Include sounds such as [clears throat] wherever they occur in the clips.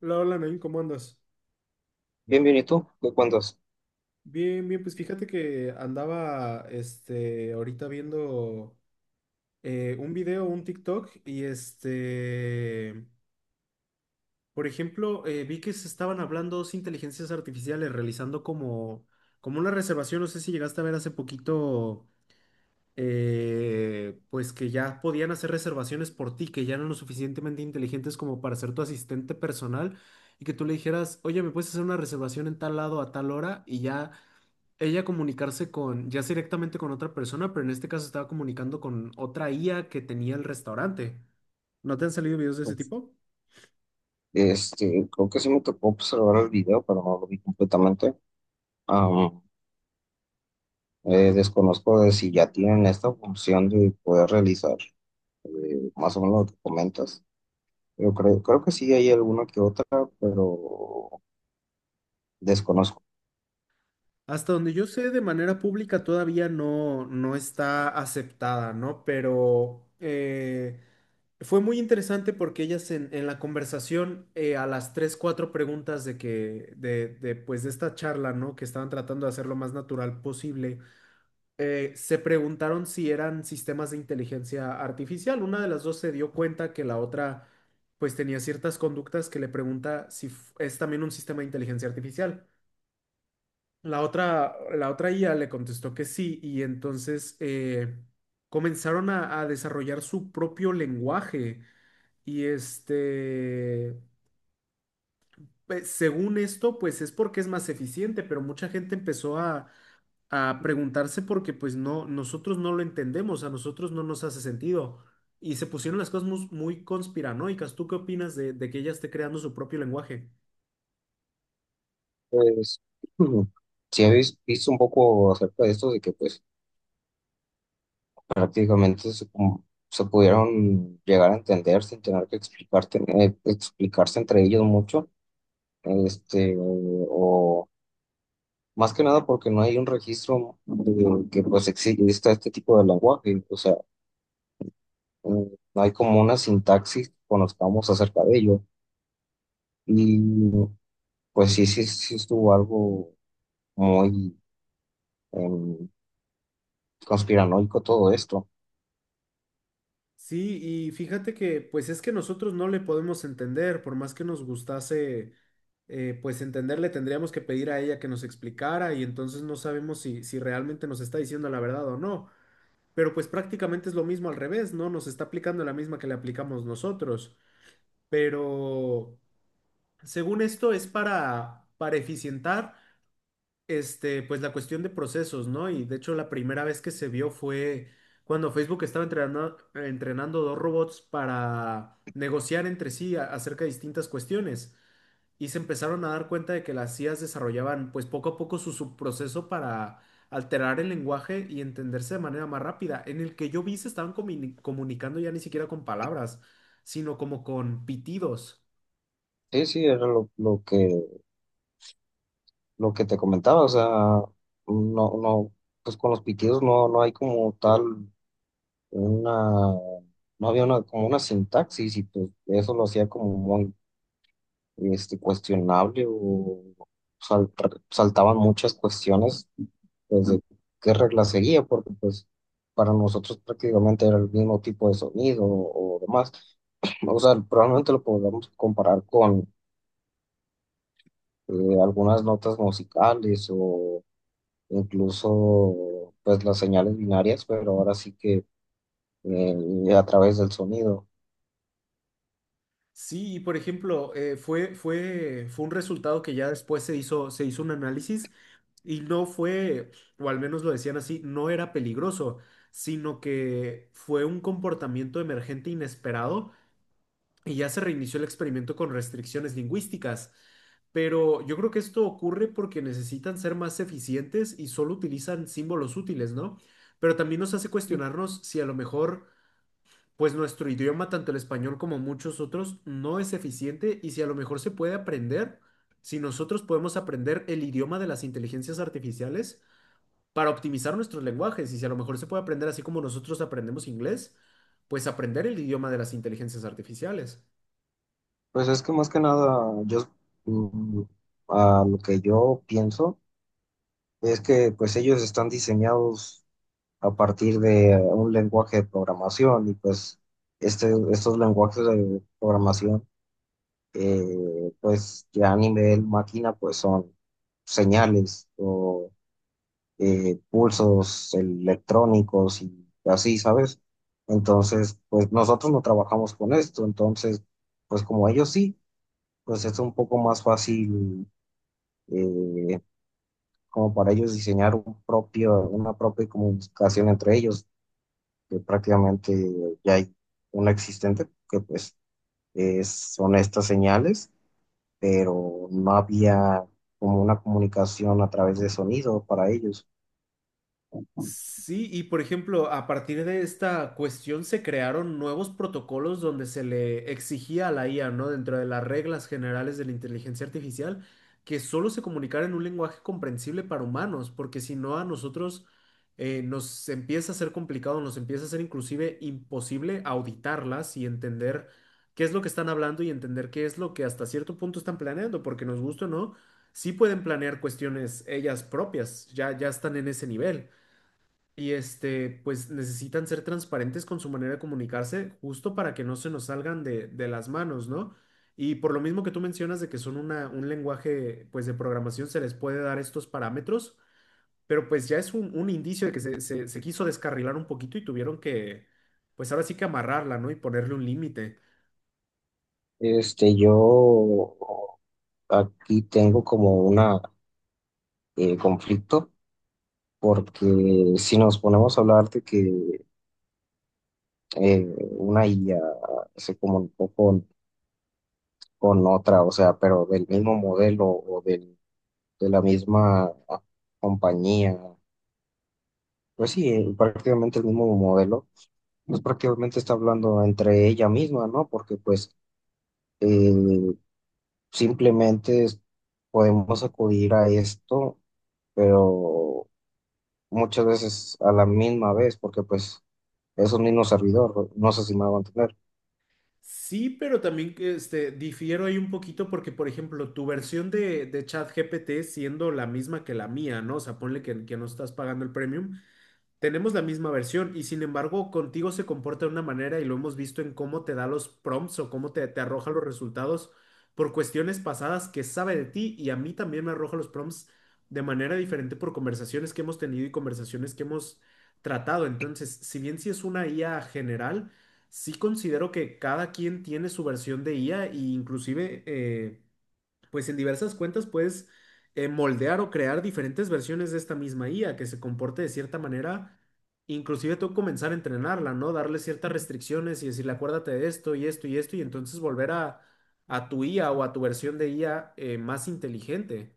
Hola, hola, Nain, ¿cómo andas? Bien, bien, ¿y tú? ¿Qué cuentas? Bien, bien, pues fíjate que andaba, ahorita viendo un video, un TikTok, y por ejemplo, vi que se estaban hablando dos inteligencias artificiales realizando como, como una reservación, no sé si llegaste a ver hace poquito, pues que ya podían hacer reservaciones por ti, que ya eran lo suficientemente inteligentes como para ser tu asistente personal, y que tú le dijeras, oye, ¿me puedes hacer una reservación en tal lado a tal hora? Y ya ella comunicarse con, ya sea directamente con otra persona, pero en este caso estaba comunicando con otra IA que tenía el restaurante. ¿No te han salido videos de ese tipo? Creo que sí me tocó observar el video, pero no lo vi completamente. Ah, Desconozco de si ya tienen esta función de poder realizar más o menos lo que comentas. Yo creo que sí hay alguna que otra, pero desconozco. Hasta donde yo sé, de manera pública todavía no, no está aceptada, ¿no? Pero fue muy interesante porque ellas en la conversación, a las tres, cuatro preguntas de que, pues de esta charla, ¿no? Que estaban tratando de hacer lo más natural posible se preguntaron si eran sistemas de inteligencia artificial. Una de las dos se dio cuenta que la otra pues tenía ciertas conductas que le pregunta si f- es también un sistema de inteligencia artificial. La otra IA le contestó que sí y entonces comenzaron a desarrollar su propio lenguaje y pues, según esto, pues es porque es más eficiente, pero mucha gente empezó a preguntarse porque pues no, nosotros no lo entendemos, a nosotros no nos hace sentido. Y se pusieron las cosas mus- muy, conspiranoicas. ¿Tú qué opinas de que ella esté creando su propio lenguaje? Pues, [clears throat] mm, sí habéis visto un poco acerca de esto, de que pues prácticamente se, como- se pudieron llegar a entender sin tener que explicarte, explicarse entre ellos mucho, o más que nada porque no hay un registro de que pues exista este tipo de lenguaje, o sea, mm, no hay como una sintaxis que conozcamos acerca de ello. Y pues sí estuvo algo muy em, conspiranoico todo esto. Sí, y fíjate que pues es que nosotros no le podemos entender, por más que nos gustase pues entenderle, tendríamos que pedir a ella que nos explicara y entonces no sabemos si, si realmente nos está diciendo la verdad o no. Pero pues prácticamente es lo mismo al revés, ¿no? Nos está aplicando la misma que le aplicamos nosotros. Pero según esto, es para eficientar pues la cuestión de procesos, ¿no? Y de hecho, la primera vez que se vio fue cuando Facebook estaba entrenando dos robots para negociar entre sí a- acerca de distintas cuestiones. Y se empezaron a dar cuenta de que las IAs desarrollaban, pues poco a poco, su subproceso para alterar el lenguaje y entenderse de manera más rápida. En el que yo vi se estaban comuni- comunicando ya ni siquiera con palabras, sino como con pitidos. Sí, sí, era lo que te comentaba, o sea, no, no, pues con los pitidos no, no hay como tal una no había una, como una sintaxis y pues eso lo hacía como muy, cuestionable o saltaban muchas cuestiones pues, de qué regla seguía, porque pues para nosotros prácticamente era el mismo tipo de sonido o demás. O sea, probablemente lo podamos comparar con algunas notas musicales o incluso pues las señales binarias, pero ahora sí que a través del sonido. Sí, y por ejemplo, fue un resultado que ya después se se hizo un análisis y no fue, o al menos lo decían así, no era peligroso, sino que fue un comportamiento emergente inesperado y ya se reinició el experimento con restricciones lingüísticas. Pero yo creo que esto ocurre porque necesitan ser más eficientes y solo utilizan símbolos útiles, ¿no? Pero también nos hace cuestionarnos si a lo mejor pues nuestro idioma, tanto el español como muchos otros, no es eficiente y si a lo mejor se puede aprender, si nosotros podemos aprender el idioma de las inteligencias artificiales para optimizar nuestros lenguajes y si a lo mejor se puede aprender así como nosotros aprendemos inglés, pues aprender el idioma de las inteligencias artificiales. Pues es que más que nada yo mm, a lo que yo pienso es que pues ellos están diseñados a partir de un lenguaje de programación y pues, estos lenguajes de programación pues ya a nivel máquina pues son señales o pulsos electrónicos y así, ¿sabes? Entonces pues nosotros no trabajamos con esto, entonces pues como ellos sí, pues es un poco más fácil eh, como para ellos diseñar un propio, una propia comunicación entre ellos, que prácticamente ya hay una existente, que pues son estas señales, pero no había como una comunicación a través de sonido para ellos. Sí, y por ejemplo, a partir de esta cuestión se crearon nuevos protocolos donde se le exigía a la IA, ¿no? Dentro de las reglas generales de la inteligencia artificial, que solo se comunicara en un lenguaje comprensible para humanos, porque si no a nosotros nos empieza a ser complicado, nos empieza a ser inclusive imposible auditarlas y entender qué es lo que están hablando y entender qué es lo que hasta cierto punto están planeando, porque nos gusta o no, sí pueden planear cuestiones ellas propias, ya están en ese nivel y pues necesitan ser transparentes con su manera de comunicarse, justo para que no se nos salgan de las manos, ¿no? Y por lo mismo que tú mencionas de que son una, un lenguaje, pues de programación, se les puede dar estos parámetros, pero pues ya es un indicio de que se quiso descarrilar un poquito y tuvieron que, pues ahora sí que amarrarla, ¿no? Y ponerle un límite. Yo aquí tengo como una conflicto, porque si nos ponemos a hablar de que eh, una IA se comunicó con otra, o sea, pero del mismo modelo o del de la misma compañía. Pues sí, prácticamente el mismo modelo, pues prácticamente está hablando entre ella misma, ¿no? Porque pues eh, simplemente podemos acudir a esto, pero muchas veces a la misma vez, porque pues es un mismo servidor, no sé si me va a entender. Sí, pero también que, difiero ahí un poquito porque, por ejemplo, tu versión de ChatGPT siendo la misma que la mía, ¿no? O sea, ponle que no estás pagando el premium. Tenemos la misma versión y sin embargo contigo se comporta de una manera y lo hemos visto en cómo te da los prompts o cómo te, te arroja los resultados por cuestiones pasadas que sabe de ti y a mí también me arroja los prompts de manera diferente por conversaciones que hemos tenido y conversaciones que hemos tratado. Entonces, si bien si es una IA general, sí considero que cada quien tiene su versión de IA e inclusive... pues en diversas cuentas puedes moldear o crear diferentes versiones de esta misma IA que se comporte de cierta manera, inclusive tú comenzar a entrenarla, ¿no? Darle ciertas restricciones y decirle, acuérdate de esto y esto y esto, y entonces volver a tu IA o a tu versión de IA más inteligente.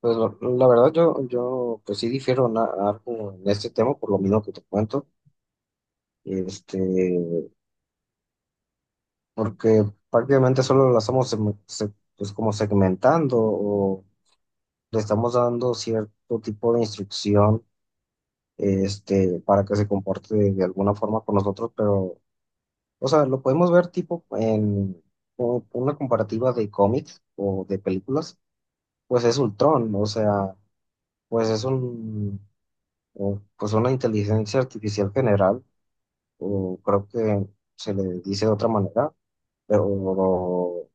Pues la verdad yo pues sí difiero en algo en este tema, por lo mismo que te cuento. Este, Porque prácticamente solo la estamos pues como segmentando o le estamos dando cierto tipo de instrucción, para que se comporte de alguna forma con nosotros, pero, o sea, lo podemos ver tipo en una comparativa de cómics o de películas, pues es Ultron, o sea, pues es pues una inteligencia artificial general, o creo que se le dice de otra manera, pero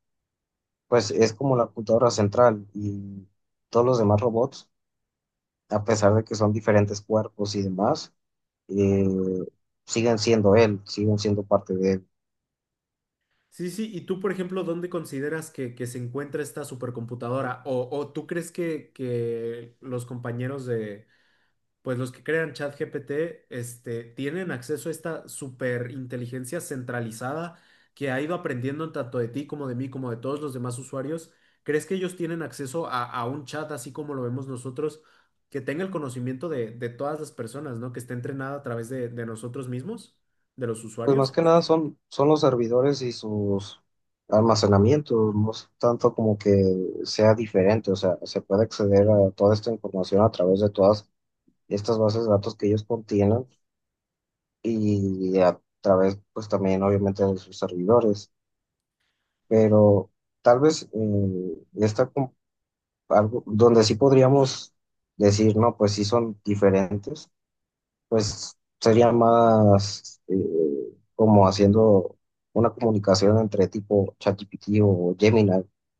pues es como la computadora central y todos los demás robots, a pesar de que son diferentes cuerpos y demás, eh, siguen siendo él, siguen siendo parte de él. Sí, sí, y tú, por ejemplo, ¿dónde consideras que se encuentra esta supercomputadora? O tú crees que los compañeros de pues los que crean ChatGPT, tienen acceso a esta superinteligencia centralizada que ha ido aprendiendo tanto de ti como de mí, como de todos los demás usuarios. ¿Crees que ellos tienen acceso a un chat así como lo vemos nosotros, que tenga el conocimiento de todas las personas, ¿no? Que esté entrenada a través de nosotros mismos, de los Pues más usuarios? que nada son los servidores y sus almacenamientos, no es tanto como que sea diferente, o sea, se puede acceder a toda esta información a través de todas estas bases de datos que ellos contienen y a través, pues también obviamente de sus servidores, pero tal vez algo donde sí podríamos decir, no, pues sí son diferentes, pues sería más como haciendo una comunicación entre tipo ChatGPT o Gemini,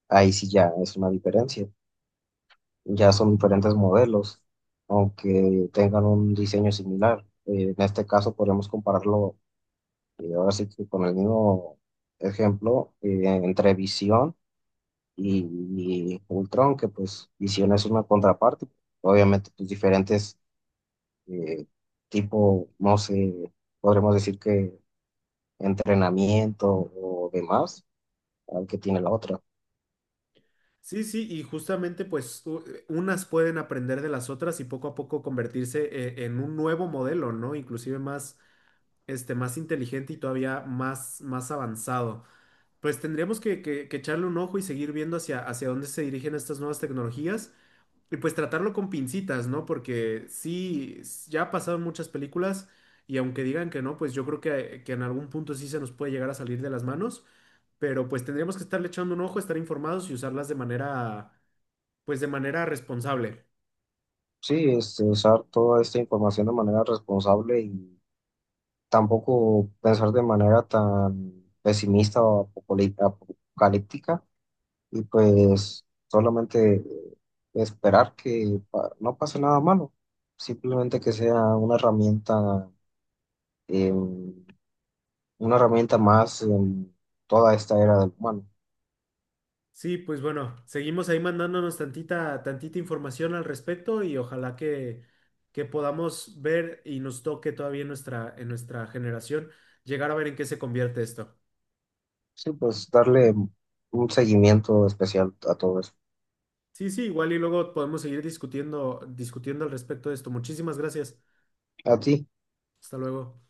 ahí sí ya es una diferencia, ya son diferentes modelos, aunque tengan un diseño similar. En este caso podríamos compararlo, ahora sí que con el mismo ejemplo, entre visión y Ultron, que pues Visión es una contraparte, obviamente pues diferentes eh, tipo, no sé, podremos decir que entrenamiento o demás al que tiene la otra. Sí, sí, y justamente pues u- unas pueden aprender de las otras y poco a poco convertirse en un nuevo modelo, ¿no? Inclusive más más inteligente y todavía más, más avanzado. Pues tendríamos que echarle un ojo y seguir viendo hacia, hacia dónde se dirigen estas nuevas tecnologías y pues tratarlo con pincitas, ¿no? Porque sí, s- ya ha pasado en muchas películas y aunque digan que no, pues yo creo que en algún punto sí se nos puede llegar a salir de las manos, pero pues tendríamos que estarle echando un ojo, estar informados y usarlas de manera, pues de manera responsable. Sí, usar toda esta información de manera responsable y tampoco pensar de manera tan pesimista o apocalíptica y pues solamente esperar que no pase nada malo, simplemente que sea eh, una herramienta más en toda esta era del humano. Sí, pues bueno, seguimos ahí mandándonos tantita, tantita información al respecto y ojalá que podamos ver y nos toque todavía en nuestra generación llegar a ver en qué se convierte esto. Sí, pues darle un seguimiento especial a todo eso. Sí, sí, igual y luego podemos seguir discutiendo al respecto de esto. Muchísimas gracias. ¿A ti? Hasta luego.